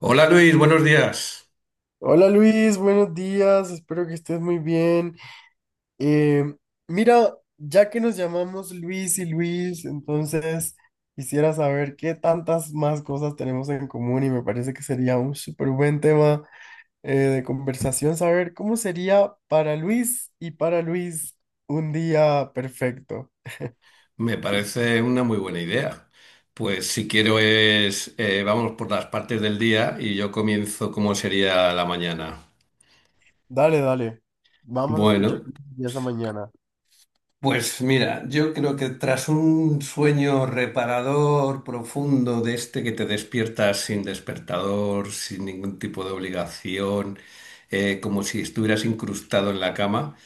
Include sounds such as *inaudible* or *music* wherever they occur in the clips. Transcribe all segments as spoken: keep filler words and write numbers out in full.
Hola Luis, buenos días. Hola Luis, buenos días, espero que estés muy bien. Eh, Mira, ya que nos llamamos Luis y Luis, entonces quisiera saber qué tantas más cosas tenemos en común y me parece que sería un súper buen tema eh, de conversación, saber cómo sería para Luis y para Luis un día perfecto. Me parece una muy buena idea. Pues si quiero es, eh, vamos por las partes del día y yo comienzo como sería la mañana. Dale, dale, vamos a escuchar Bueno, esa mañana. pues mira, yo creo que tras un sueño reparador, profundo, de este que te despiertas sin despertador, sin ningún tipo de obligación, eh, como si estuvieras incrustado en la cama.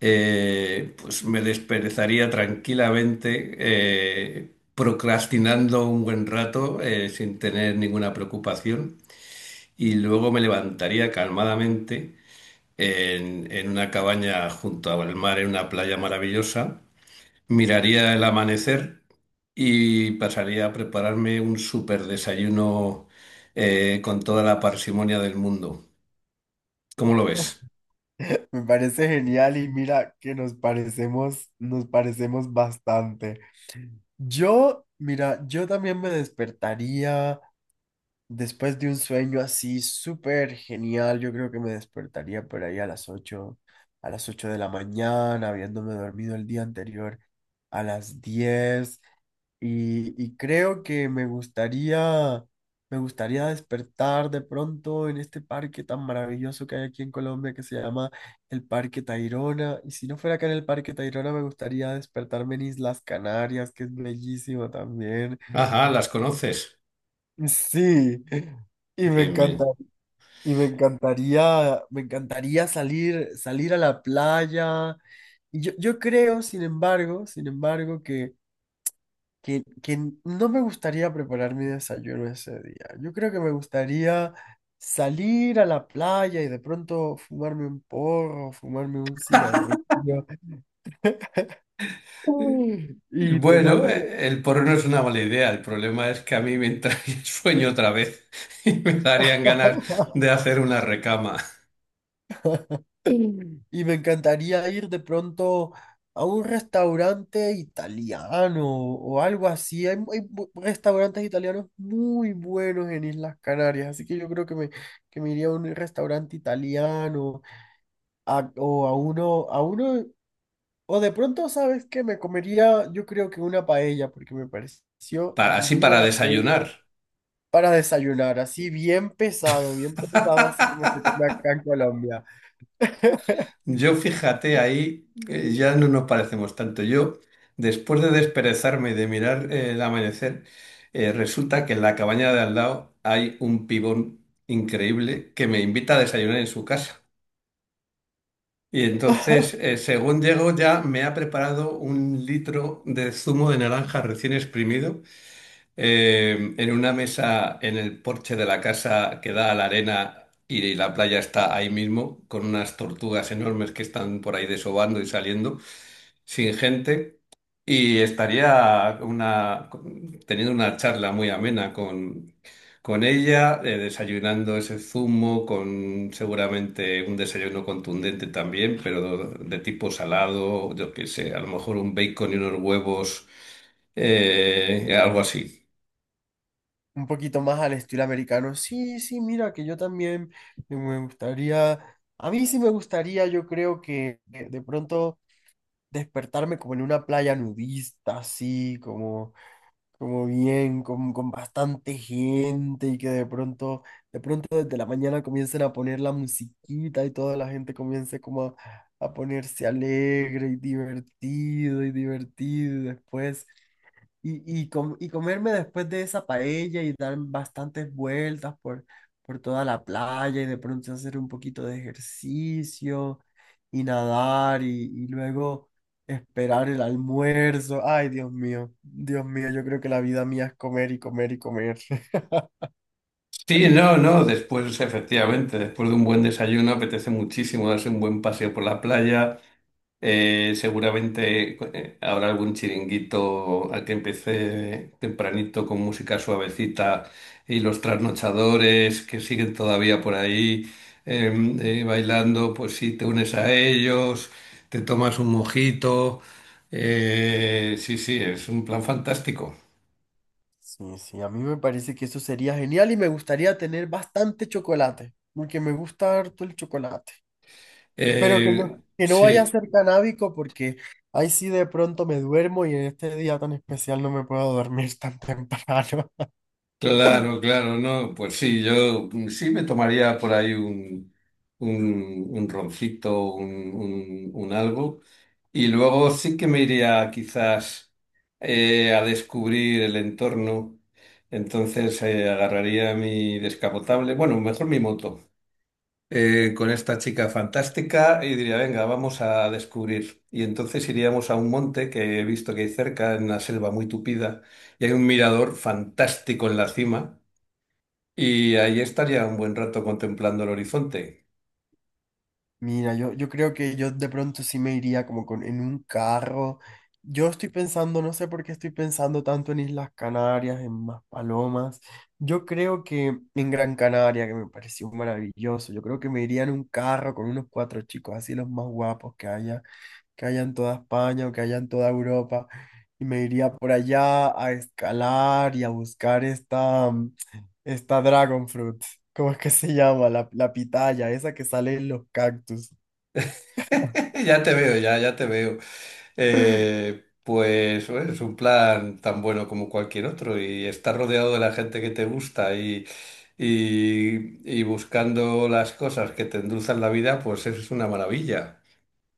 eh, Pues me desperezaría tranquilamente, eh, procrastinando un buen rato, eh, sin tener ninguna preocupación, y luego me levantaría calmadamente en, en una cabaña junto al mar, en una playa maravillosa, miraría el amanecer y pasaría a prepararme un súper desayuno, eh, con toda la parsimonia del mundo. ¿Cómo lo ves? *laughs* Me parece genial y mira que nos parecemos, nos parecemos bastante. Yo, mira, yo también me despertaría después de un sueño así súper genial. Yo creo que me despertaría por ahí a las ocho a las ocho de la mañana, habiéndome dormido el día anterior a las diez y, y creo que me gustaría, me gustaría despertar de pronto en este parque tan maravilloso que hay aquí en Colombia que se llama el Parque Tayrona. Y si no fuera acá en el Parque Tayrona, me gustaría despertarme en Islas Canarias, que es bellísimo también. Mm. Ajá, las conoces. Sí, y me encanta, Bien, y me encantaría, me encantaría salir, salir a la playa. Y yo, yo creo, sin embargo, sin embargo, que, que no me gustaría preparar mi desayuno ese día. Yo creo que me gustaría salir a la playa y de pronto fumarme un porro, fumarme un cigarrillo bien. *laughs* y Bueno, tomarme. eh, el porro no es una mala idea. El problema es que a mí me entra *laughs* el sueño otra vez *laughs* y me darían ganas de *laughs* hacer una recama, Y me encantaría ir de pronto a un restaurante italiano o algo así. Hay, hay bu- restaurantes italianos muy buenos en Islas Canarias, así que yo creo que me, que me iría a un restaurante italiano A- o a uno, a uno, o de pronto, ¿sabes qué? Me comería, yo creo que una paella, porque me pareció para, así divina para la paella desayunar. para desayunar, así bien pesado, bien pesado, así como se come acá en Colombia, Yo fíjate ahí, eh, ya no nos parecemos tanto. Yo, después de desperezarme y de mirar eh, el amanecer, eh, resulta que en la cabaña de al lado hay un pibón increíble que me invita a desayunar en su casa. Y entonces, eh, según llego, ya me ha preparado un litro de zumo de naranja recién exprimido, eh, en una mesa en el porche de la casa que da a la arena, y la playa está ahí mismo, con unas tortugas enormes que están por ahí desovando y saliendo, sin gente. Y estaría una, teniendo una charla muy amena con, con ella, eh, desayunando ese zumo, con seguramente un desayuno contundente también, pero de tipo salado, yo qué sé, a lo mejor un bacon y unos huevos, eh, algo así. un poquito más al estilo americano. Sí, sí, mira, que yo también me gustaría, a mí sí me gustaría, yo creo que eh, de pronto despertarme como en una playa nudista, así como como bien, con, con bastante gente y que de pronto, de pronto desde la mañana comiencen a poner la musiquita y toda la gente comience como a, a ponerse alegre y divertido y divertido y después y, y, com- y comerme después de esa paella y dar bastantes vueltas por, por toda la playa y de pronto hacer un poquito de ejercicio y nadar y, y luego esperar el almuerzo. Ay, Dios mío, Dios mío, yo creo que la vida mía es comer y comer y comer. *laughs* Sí, no, no, después, efectivamente, después de un buen desayuno apetece muchísimo darse un buen paseo por la playa. Eh, seguramente eh, habrá algún chiringuito al que empecé tempranito con música suavecita, y los trasnochadores que siguen todavía por ahí, eh, eh, bailando, pues sí, te unes a ellos, te tomas un mojito. Eh, sí, sí, es un plan fantástico. Sí, sí, a mí me parece que eso sería genial y me gustaría tener bastante chocolate, porque me gusta harto el chocolate. Pero que Eh, no, que no vaya a sí. ser canábico porque ahí sí de pronto me duermo y en este día tan especial no me puedo dormir tan temprano. Claro, claro, no, pues sí, yo mm, sí me tomaría por ahí un, un, un roncito, un, un, un algo, y luego sí que me iría quizás, eh, a descubrir el entorno. Entonces, eh, agarraría mi descapotable, bueno, mejor mi moto, eh, con esta chica fantástica y diría, venga, vamos a descubrir. Y entonces iríamos a un monte que he visto que hay cerca, en una selva muy tupida, y hay un mirador fantástico en la cima. Y ahí estaría un buen rato contemplando el horizonte. *laughs* Mira, yo, yo creo que yo de pronto sí me iría como con, en un carro. Yo estoy pensando, no sé por qué estoy pensando tanto en Islas Canarias, en más palomas. Yo creo que en Gran Canaria, que me pareció maravilloso, yo creo que me iría en un carro con unos cuatro chicos, así los más guapos que haya. que haya en toda España o que haya en toda Europa, y me iría por allá a escalar y a buscar esta, mm, esta Dragon Fruit, ¿cómo es que se llama? La, la pitaya, esa que sale en los cactus. *laughs* Ya te veo, ya, ya te veo. Eh, pues bueno, es un plan tan bueno como cualquier otro, y estar rodeado de la gente que te gusta y, y, y buscando las cosas que te endulzan la vida, pues eso es una maravilla.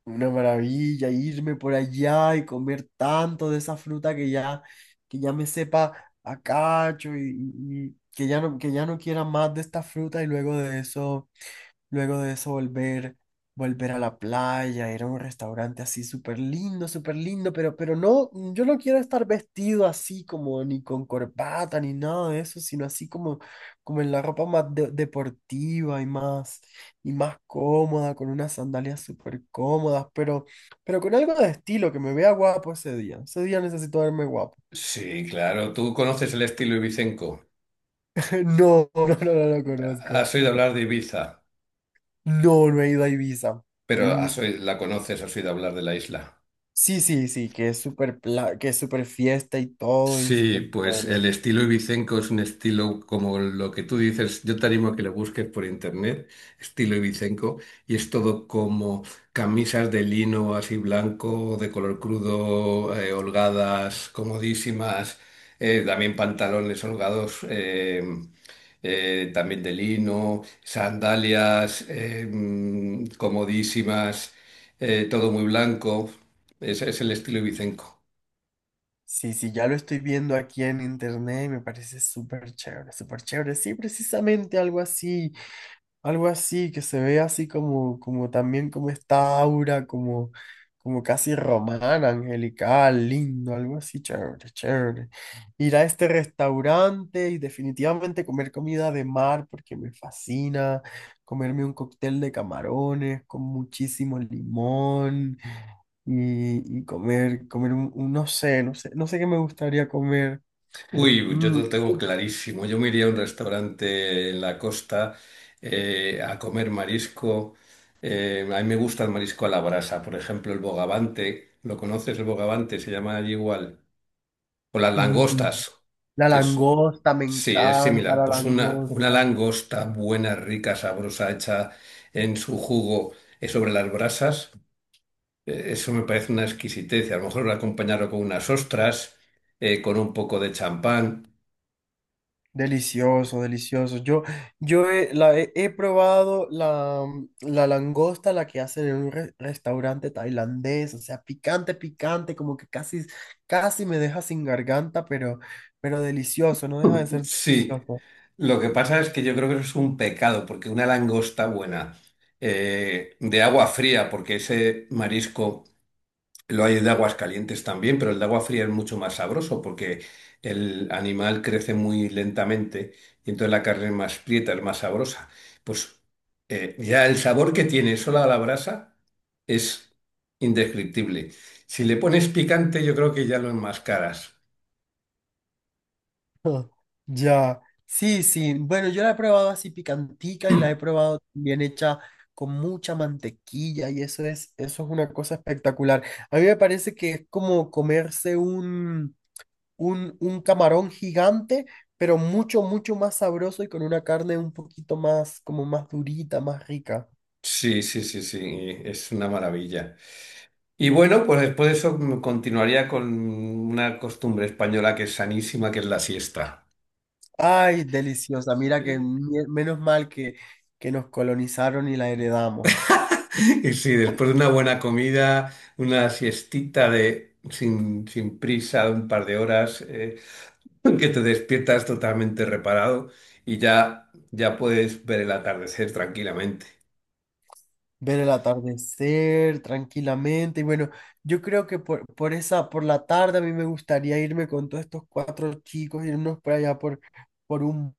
Una maravilla, irme por allá y comer tanto de esa fruta que ya, que ya me sepa a cacho y, y- y que ya no, que ya no quiera más de esta fruta y luego de eso Luego de eso volver, volver a la playa, ir a un restaurante así súper lindo, súper lindo, pero, pero no, yo no quiero estar vestido así como ni con corbata ni nada de eso, sino así como, como en la ropa más de- deportiva y más, y más cómoda, con unas sandalias súper cómodas, pero, pero con algo de estilo, que me vea guapo ese día. Ese día necesito verme guapo. Sí, claro, tú conoces el estilo ibicenco. *laughs* No, no, no, no lo conozco. Has oído hablar de Ibiza, No, no he ido a Ibiza. pero Mm, has oí- la conoces, has oído hablar de la isla. sí, sí, sí, que es súper pla- que es súper fiesta y todo y Sí, súper pues el chévere. estilo ibicenco es un estilo como lo que tú dices. Yo te animo a que lo busques por internet, estilo ibicenco, y es todo como camisas de lino así blanco, de color crudo, eh, holgadas, comodísimas, eh, también pantalones holgados, eh, eh, también de lino, sandalias, eh, mm, comodísimas, eh, todo muy blanco. Ese es el estilo ibicenco. Sí, sí, ya lo estoy viendo aquí en internet y me parece súper chévere, súper chévere. Sí, precisamente algo así. Algo así, que se ve así como, como también como esta aura, como, como casi romana, angelical, lindo, algo así, chévere, chévere. Ir a este restaurante y definitivamente comer comida de mar porque me fascina, comerme un cóctel de camarones con muchísimo limón y, y comer, comer un, un- no sé, no sé, no sé qué me gustaría comer. Uy, yo te Mm, lo tengo clarísimo. Yo me iría a un restaurante en la costa, eh, a comer marisco. Eh, a mí me gusta el marisco a la brasa. Por ejemplo, el bogavante. ¿Lo conoces el bogavante? Se llama allí igual. O las mm, langostas, la que es... langosta, me Sí, es encanta similar. la Pues una, una langosta. langosta buena, rica, sabrosa, hecha en su jugo, eh, sobre las brasas. Eh, eso me parece una exquisitez. Y a lo mejor acompañarlo con unas ostras, eh, con un poco de champán. Delicioso, delicioso. Yo, yo he, la, he, he probado la, la langosta, la que hacen en un re- restaurante tailandés, o sea, picante, picante, como que casi, casi me deja sin garganta, pero, pero delicioso, no deja de ser Sí, delicioso. lo que pasa es que yo creo que eso es un pecado, porque una langosta buena, eh, de agua fría, porque ese marisco lo hay de aguas calientes también, pero el de agua fría es mucho más sabroso porque el animal crece muy lentamente, y entonces la carne es más prieta, es más sabrosa. Pues eh, ya el sabor que tiene sola a la brasa es indescriptible. Si le pones picante, yo creo que ya lo enmascaras. *laughs* Ya, sí, sí. Bueno, yo la he probado así picantica y la he probado bien hecha con mucha mantequilla y eso es, eso es una cosa espectacular. A mí me parece que es como comerse un, un camarón gigante, pero mucho, mucho más sabroso y con una carne un poquito más, como más durita, más rica. Sí, sí, sí, sí, es una maravilla. Y bueno, pues después de eso, mm, continuaría con una costumbre española que es sanísima, que es la siesta. Ay, deliciosa. Mira que *laughs* mie- menos mal que, que nos colonizaron y la heredamos. Y sí, después de una buena comida, una siestita de sin, sin prisa, de un par de horas, eh, *laughs* que te despiertas totalmente reparado y ya, ya puedes ver el atardecer tranquilamente. Ver el atardecer tranquilamente. Y bueno, yo creo que por, por esa, por la tarde a mí me gustaría irme con todos estos cuatro chicos, irnos por allá por, por un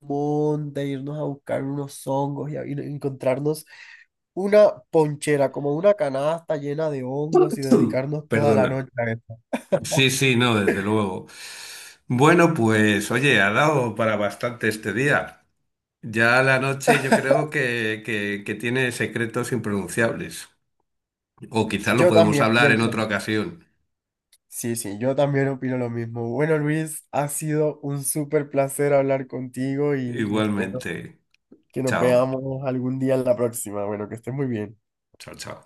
monte, irnos a buscar unos hongos y, a- y encontrarnos una ponchera, como una canasta llena de hongos y *clears throat* dedicarnos toda la Perdona. noche a eso. Sí, *laughs* sí, no, desde luego. Bueno, pues oye, ha dado para bastante este día. Ya la noche yo creo que, que, que tiene secretos impronunciables. O quizás lo Yo podemos también hablar en pienso. otra ocasión. Sí, sí, yo también opino lo mismo. Bueno, Luis, ha sido un súper placer hablar contigo y espero Igualmente. que nos Chao. veamos algún día en la próxima. Bueno, que estés muy bien. Chao, chao.